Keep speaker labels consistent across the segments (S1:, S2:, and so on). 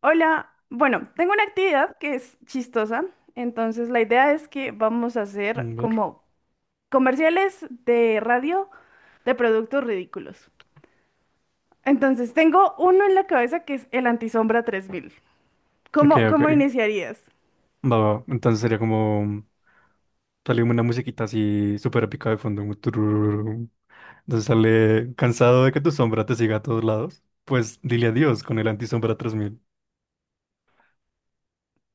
S1: Hola, bueno, tengo una actividad que es chistosa, entonces la idea es que vamos a hacer
S2: Mm, ver.
S1: como comerciales de radio de productos ridículos. Entonces tengo uno en la cabeza que es el Antisombra 3000.
S2: Ok,
S1: ¿Cómo
S2: ok.
S1: iniciarías?
S2: Va, va. Entonces sería como. Sale como una musiquita así súper épica de fondo, como tururururu. Entonces sale. Cansado de que tu sombra te siga a todos lados, pues dile adiós con el antisombra 3000.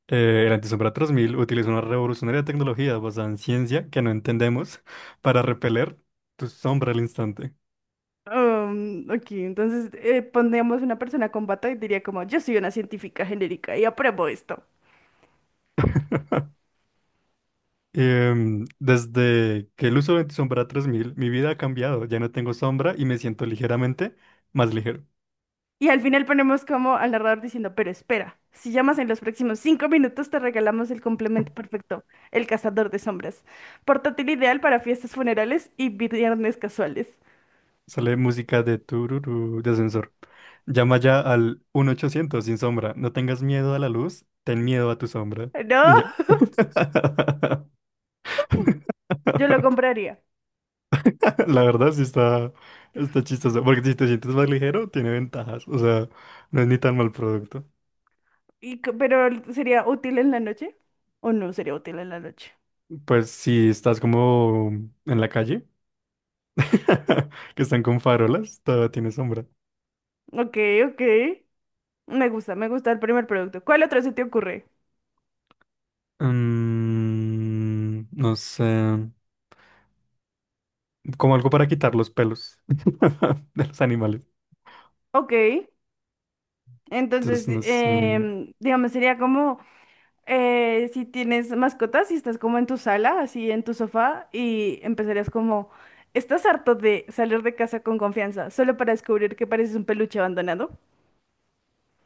S2: El antisombra 3000 utiliza una revolucionaria tecnología basada en ciencia que no entendemos para repeler tu sombra al instante.
S1: Ok, entonces pondríamos una persona con bata y diría como, yo soy una científica genérica y apruebo esto.
S2: Desde que el uso de sombra 3000 mi vida ha cambiado. Ya no tengo sombra y me siento ligeramente más ligero.
S1: Y al final ponemos como al narrador diciendo, pero espera, si llamas en los próximos 5 minutos te regalamos el complemento perfecto, el cazador de sombras. Portátil ideal para fiestas funerales y viernes casuales.
S2: Sale música de tururú, de ascensor. Llama ya al 1-800 sin sombra. No tengas miedo a la luz, ten miedo a tu sombra.
S1: No,
S2: Y ya.
S1: yo lo compraría.
S2: La verdad sí está chistoso. Porque si te sientes más ligero, tiene ventajas. O sea, no es ni tan mal producto.
S1: Pero ¿sería útil en la noche? ¿O no sería útil en la noche?
S2: Pues si estás como en la calle, que están con farolas, todavía tiene sombra.
S1: Ok, ok. Me gusta el primer producto. ¿Cuál otro se te ocurre?
S2: Mm, no sé. Como algo para quitar los pelos de los animales.
S1: Ok, entonces,
S2: Entonces, no sé,
S1: digamos, sería como... si tienes mascotas, y estás como en tu sala, así en tu sofá, y empezarías como, ¿estás harto de salir de casa con confianza solo para descubrir que pareces un peluche abandonado?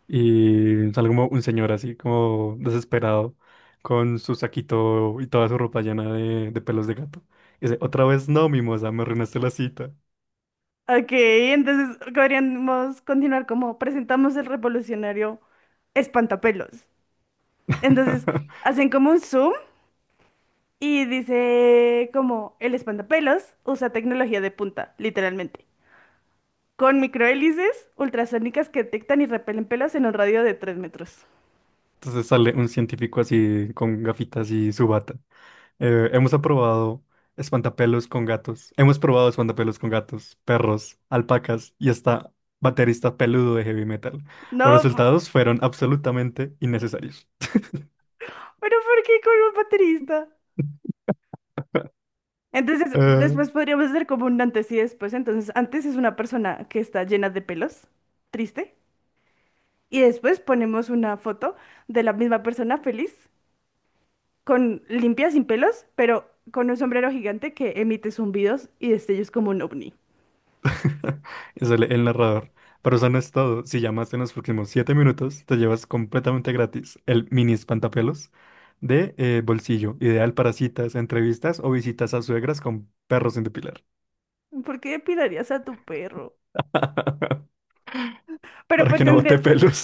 S2: y sale como un señor así, como desesperado, con su saquito y toda su ropa llena de pelos de gato. Y dice, otra vez no, mimosa, me arruinaste la cita.
S1: Ok, entonces podríamos continuar como presentamos el revolucionario espantapelos. Entonces hacen como un zoom y dice como el espantapelos usa tecnología de punta, literalmente, con microhélices ultrasónicas que detectan y repelen pelos en un radio de 3 metros.
S2: Entonces sale un científico así, con gafitas y su bata. Hemos aprobado espantapelos con gatos. Hemos probado espantapelos con gatos, perros, alpacas y hasta baterista peludo de heavy metal. Los
S1: No.
S2: resultados fueron absolutamente innecesarios."
S1: ¿Pero por qué con un baterista? Entonces,
S2: Eh,
S1: después podríamos hacer como un antes y después. Entonces, antes es una persona que está llena de pelos, triste, y después ponemos una foto de la misma persona feliz, con limpia, sin pelos, pero con un sombrero gigante que emite zumbidos y destellos como un ovni.
S2: Es el narrador. Pero eso no es todo. Si llamaste en los próximos 7 minutos, te llevas completamente gratis el mini espantapelos de bolsillo, ideal para citas, entrevistas o visitas a suegras con perros sin depilar.
S1: ¿Por qué depilarías a tu perro? Pero
S2: Para
S1: pues
S2: que no bote
S1: tendrías,
S2: pelos.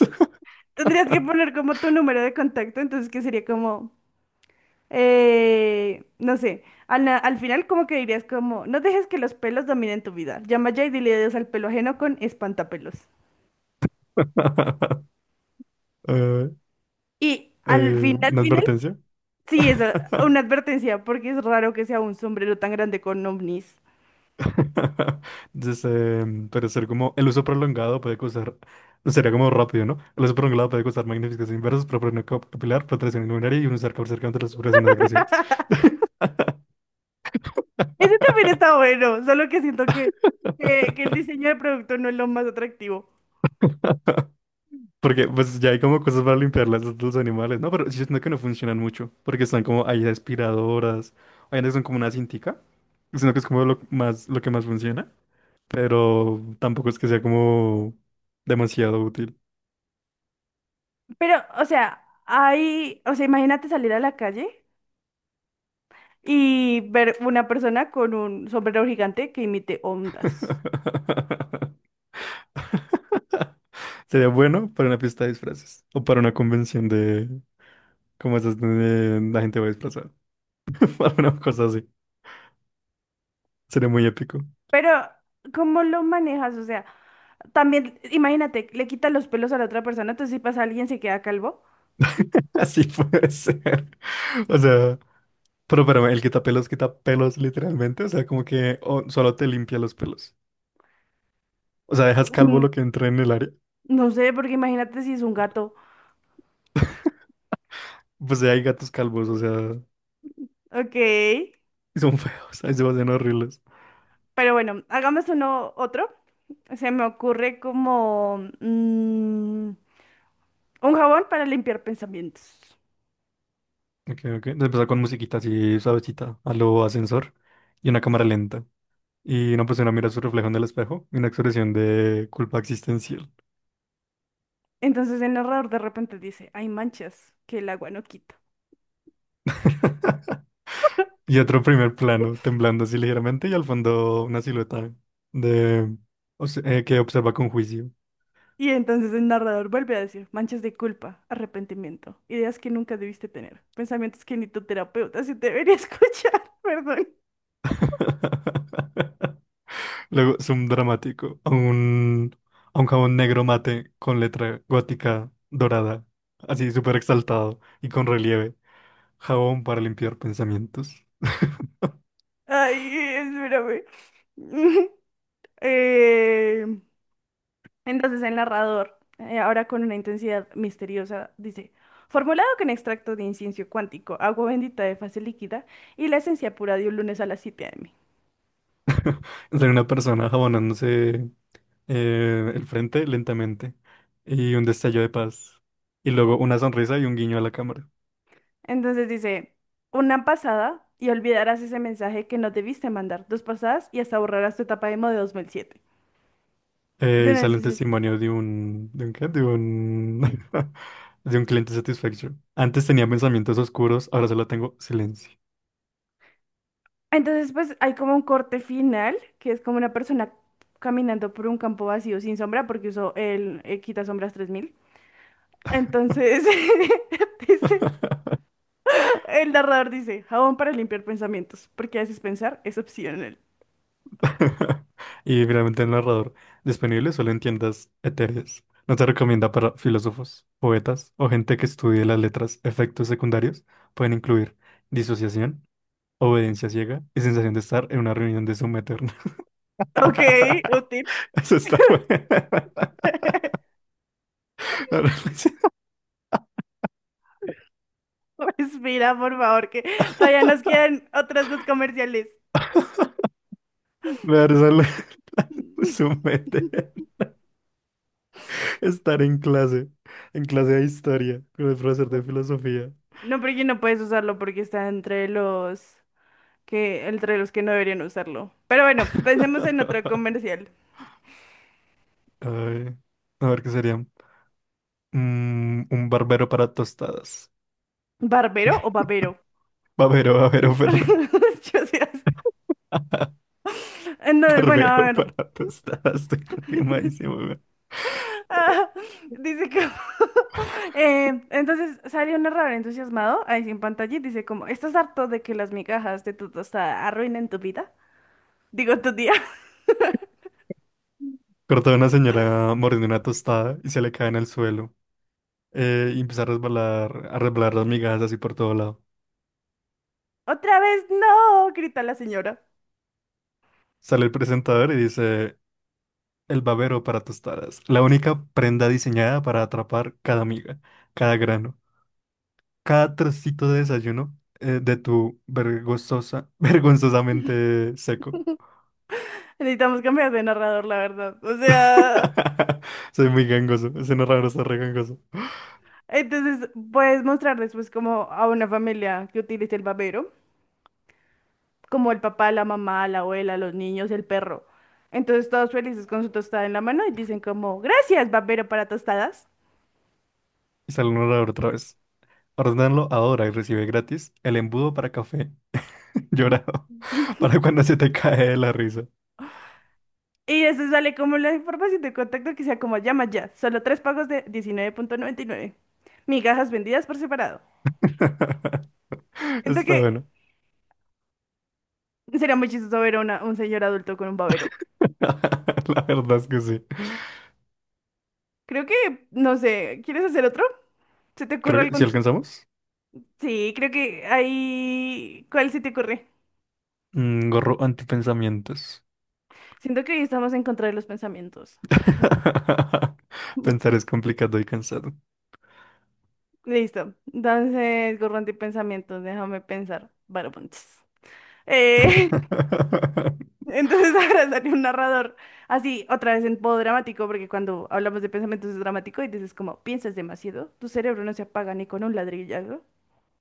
S1: tendrías que poner como tu número de contacto, entonces que sería como no sé, al final como que dirías como, no dejes que los pelos dominen tu vida. Llama ya y dile adiós al pelo ajeno con espantapelos.
S2: Eh,
S1: Y al final,
S2: una
S1: final,
S2: advertencia.
S1: sí, eso, una advertencia, porque es raro que sea un sombrero tan grande con ovnis.
S2: Entonces, puede ser como el uso prolongado puede causar, sería como rápido, ¿no? El uso prolongado puede causar magnificación inversa, proliferación capilar, protección inmunitaria y un usar cáncer contra las operaciones agresivas.
S1: Ese también está bueno, solo que siento que, que el diseño del producto no es lo más atractivo.
S2: Porque pues ya hay como cosas para limpiarlas de los animales, ¿no? Pero yo siento que no funcionan mucho, porque están como hay aspiradoras, hay unas que son como una cintica, sino que es como lo que más funciona, pero tampoco es que sea como demasiado útil.
S1: Pero, o sea, hay, o sea, imagínate salir a la calle y ver una persona con un sombrero gigante que imite ondas.
S2: Sería bueno para una fiesta de disfraces o para una convención de como esas donde la gente va disfrazada. Para una cosa así. Sería muy épico.
S1: Pero, ¿cómo lo manejas? O sea, también, imagínate, le quitas los pelos a la otra persona, entonces si pasa alguien se queda calvo.
S2: Así puede ser. O sea, pero el quitapelos quita pelos literalmente. O sea, como que o- solo te limpia los pelos. O sea, dejas calvo
S1: Mm,
S2: lo que entra en el área.
S1: No sé, porque imagínate si es un gato.
S2: Pues ya hay gatos calvos, o sea,
S1: Ok,
S2: y son feos, ahí se van horribles.
S1: pero bueno, hagamos uno otro. Se me ocurre como un jabón para limpiar pensamientos.
S2: Ok, ok. Empezar con musiquita así suavecita, a lo ascensor y una cámara lenta. Y una persona mira su reflejo en el espejo, una expresión de culpa existencial.
S1: Entonces el narrador de repente dice, hay manchas que el agua no quita.
S2: Y otro primer plano, temblando así ligeramente, y al fondo una silueta de que observa con juicio.
S1: Y entonces el narrador vuelve a decir, manchas de culpa, arrepentimiento, ideas que nunca debiste tener, pensamientos que ni tu terapeuta se debería escuchar, perdón.
S2: Luego, zoom dramático, a a un jabón negro mate con letra gótica dorada, así súper exaltado y con relieve. Jabón para limpiar pensamientos.
S1: Ay, espérame. Eh, entonces el narrador, ahora con una intensidad misteriosa, dice, formulado con extracto de incienso cuántico, agua bendita de fase líquida y la esencia pura de un lunes a las 7 a.m.
S2: Sale una persona jabonándose el frente lentamente y un destello de paz. Y luego una sonrisa y un guiño a la cámara.
S1: Entonces dice, una pasada y olvidarás ese mensaje que no debiste mandar. Dos pasadas y hasta borrarás tu etapa emo de 2007. Yo
S2: Y sale un
S1: necesito.
S2: testimonio de un... ¿De un qué? De un... de un cliente satisfecho. Antes tenía pensamientos oscuros, ahora solo tengo silencio.
S1: Entonces, pues hay como un corte final, que es como una persona caminando por un campo vacío sin sombra, porque usó el quita sombras 3000. Entonces, dice, el narrador dice, jabón para limpiar pensamientos, porque a veces pensar es opcional.
S2: Y finalmente el narrador. Disponible solo en tiendas etéreas. No se recomienda para filósofos, poetas o gente que estudie las letras. Efectos secundarios pueden incluir disociación, obediencia ciega y sensación de estar en una reunión de Zoom eterna.
S1: Ok, útil.
S2: Eso está bueno.
S1: Respira, por favor, que todavía nos quedan otras dos comerciales.
S2: Me da risa lo- Zoom eterno. Estar en clase de historia, con el profesor de filosofía.
S1: No, porque no puedes usarlo porque está entre los que no deberían usarlo. Pero bueno, pensemos en otro comercial.
S2: Ay, a ver qué sería. Mm, un barbero para tostadas.
S1: ¿Barbero o babero?
S2: Barbero, barbero, perdón.
S1: Yo sí las- Entonces, bueno, a
S2: Barbero
S1: ver.
S2: para tostadas. Estoy rotimadísimo, weón.
S1: Ah, dice que... entonces sale un narrador entusiasmado ahí sí en pantalla y dice como, ¿estás harto de que las migajas de tu tostada arruinen tu vida? Digo, tu día.
S2: Cortó a una señora mordiendo una tostada y se le cae en el suelo, y empieza a resbalar las migajas así por todo lado.
S1: Otra vez no, grita la señora.
S2: Sale el presentador y dice, el babero para tostadas, la única prenda diseñada para atrapar cada miga, cada grano, cada trocito de desayuno de vergonzosamente seco.
S1: Necesitamos cambiar de narrador, la verdad. O sea...
S2: Soy muy gangoso, ese narrador está re gangoso.
S1: Entonces, puedes mostrarles pues como a una familia que utilice el babero, como el papá, la mamá, la abuela, los niños, el perro. Entonces, todos felices con su tostada en la mano y dicen como, gracias, babero para tostadas.
S2: Y sale un narrador otra vez. Ordenarlo ahora y recibe gratis el embudo para café llorado, para cuando se te cae de la risa.
S1: Y eso sale como la información de contacto que sea como llama ya, solo tres pagos de 19,99. Migajas vendidas por separado. Siento
S2: Está
S1: que
S2: bueno.
S1: sería muy chistoso ver a una- un señor adulto con un babero.
S2: La verdad es que sí.
S1: Creo que, no sé, ¿quieres hacer otro? ¿Se te ocurre
S2: Creo que si
S1: algún...?
S2: alcanzamos.
S1: Sí, creo que ahí... ¿Cuál se te ocurre?
S2: Mm, gorro antipensamientos.
S1: Siento que hoy estamos en contra de los pensamientos. Ujú.
S2: Pensar es complicado y cansado.
S1: Listo. Entonces, gorro pensamientos déjame pensar. Varopunts. Eh, entonces ahora sale un narrador. Así, otra vez en modo dramático, porque cuando hablamos de pensamientos es dramático y dices como, piensas demasiado, tu cerebro no se apaga ni con un ladrillazo.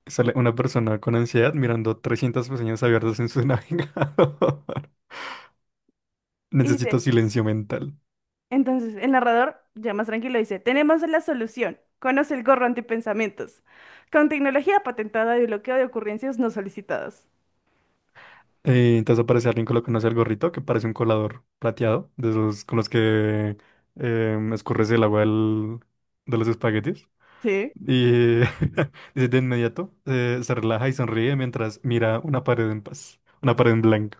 S2: Sale una persona con ansiedad mirando 300 pestañas abiertas en su navegador.
S1: Y dice,
S2: Necesito silencio mental.
S1: entonces el narrador, ya más tranquilo, dice, tenemos la solución. Conoce el gorro antipensamientos. Con tecnología patentada de bloqueo de ocurrencias no solicitadas.
S2: Entonces aparece alguien colocándose el gorrito que parece un colador plateado, de esos con los que escurres el agua del- de los espaguetis.
S1: ¿Sí?
S2: Y dice, de inmediato se relaja y sonríe mientras mira una pared en paz, una pared en blanco.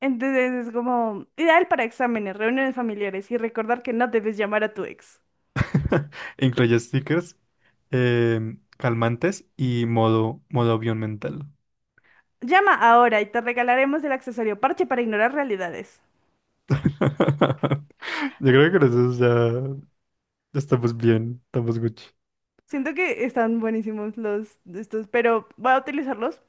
S1: Entonces es como ideal para exámenes, reuniones familiares y recordar que no debes llamar a tu ex.
S2: Incluye stickers, calmantes y modo avión mental.
S1: Llama ahora y te regalaremos el accesorio parche para ignorar realidades.
S2: Yo creo que con eso ya ya estamos bien, estamos Gucci.
S1: Siento que están buenísimos los de estos, pero voy a utilizarlos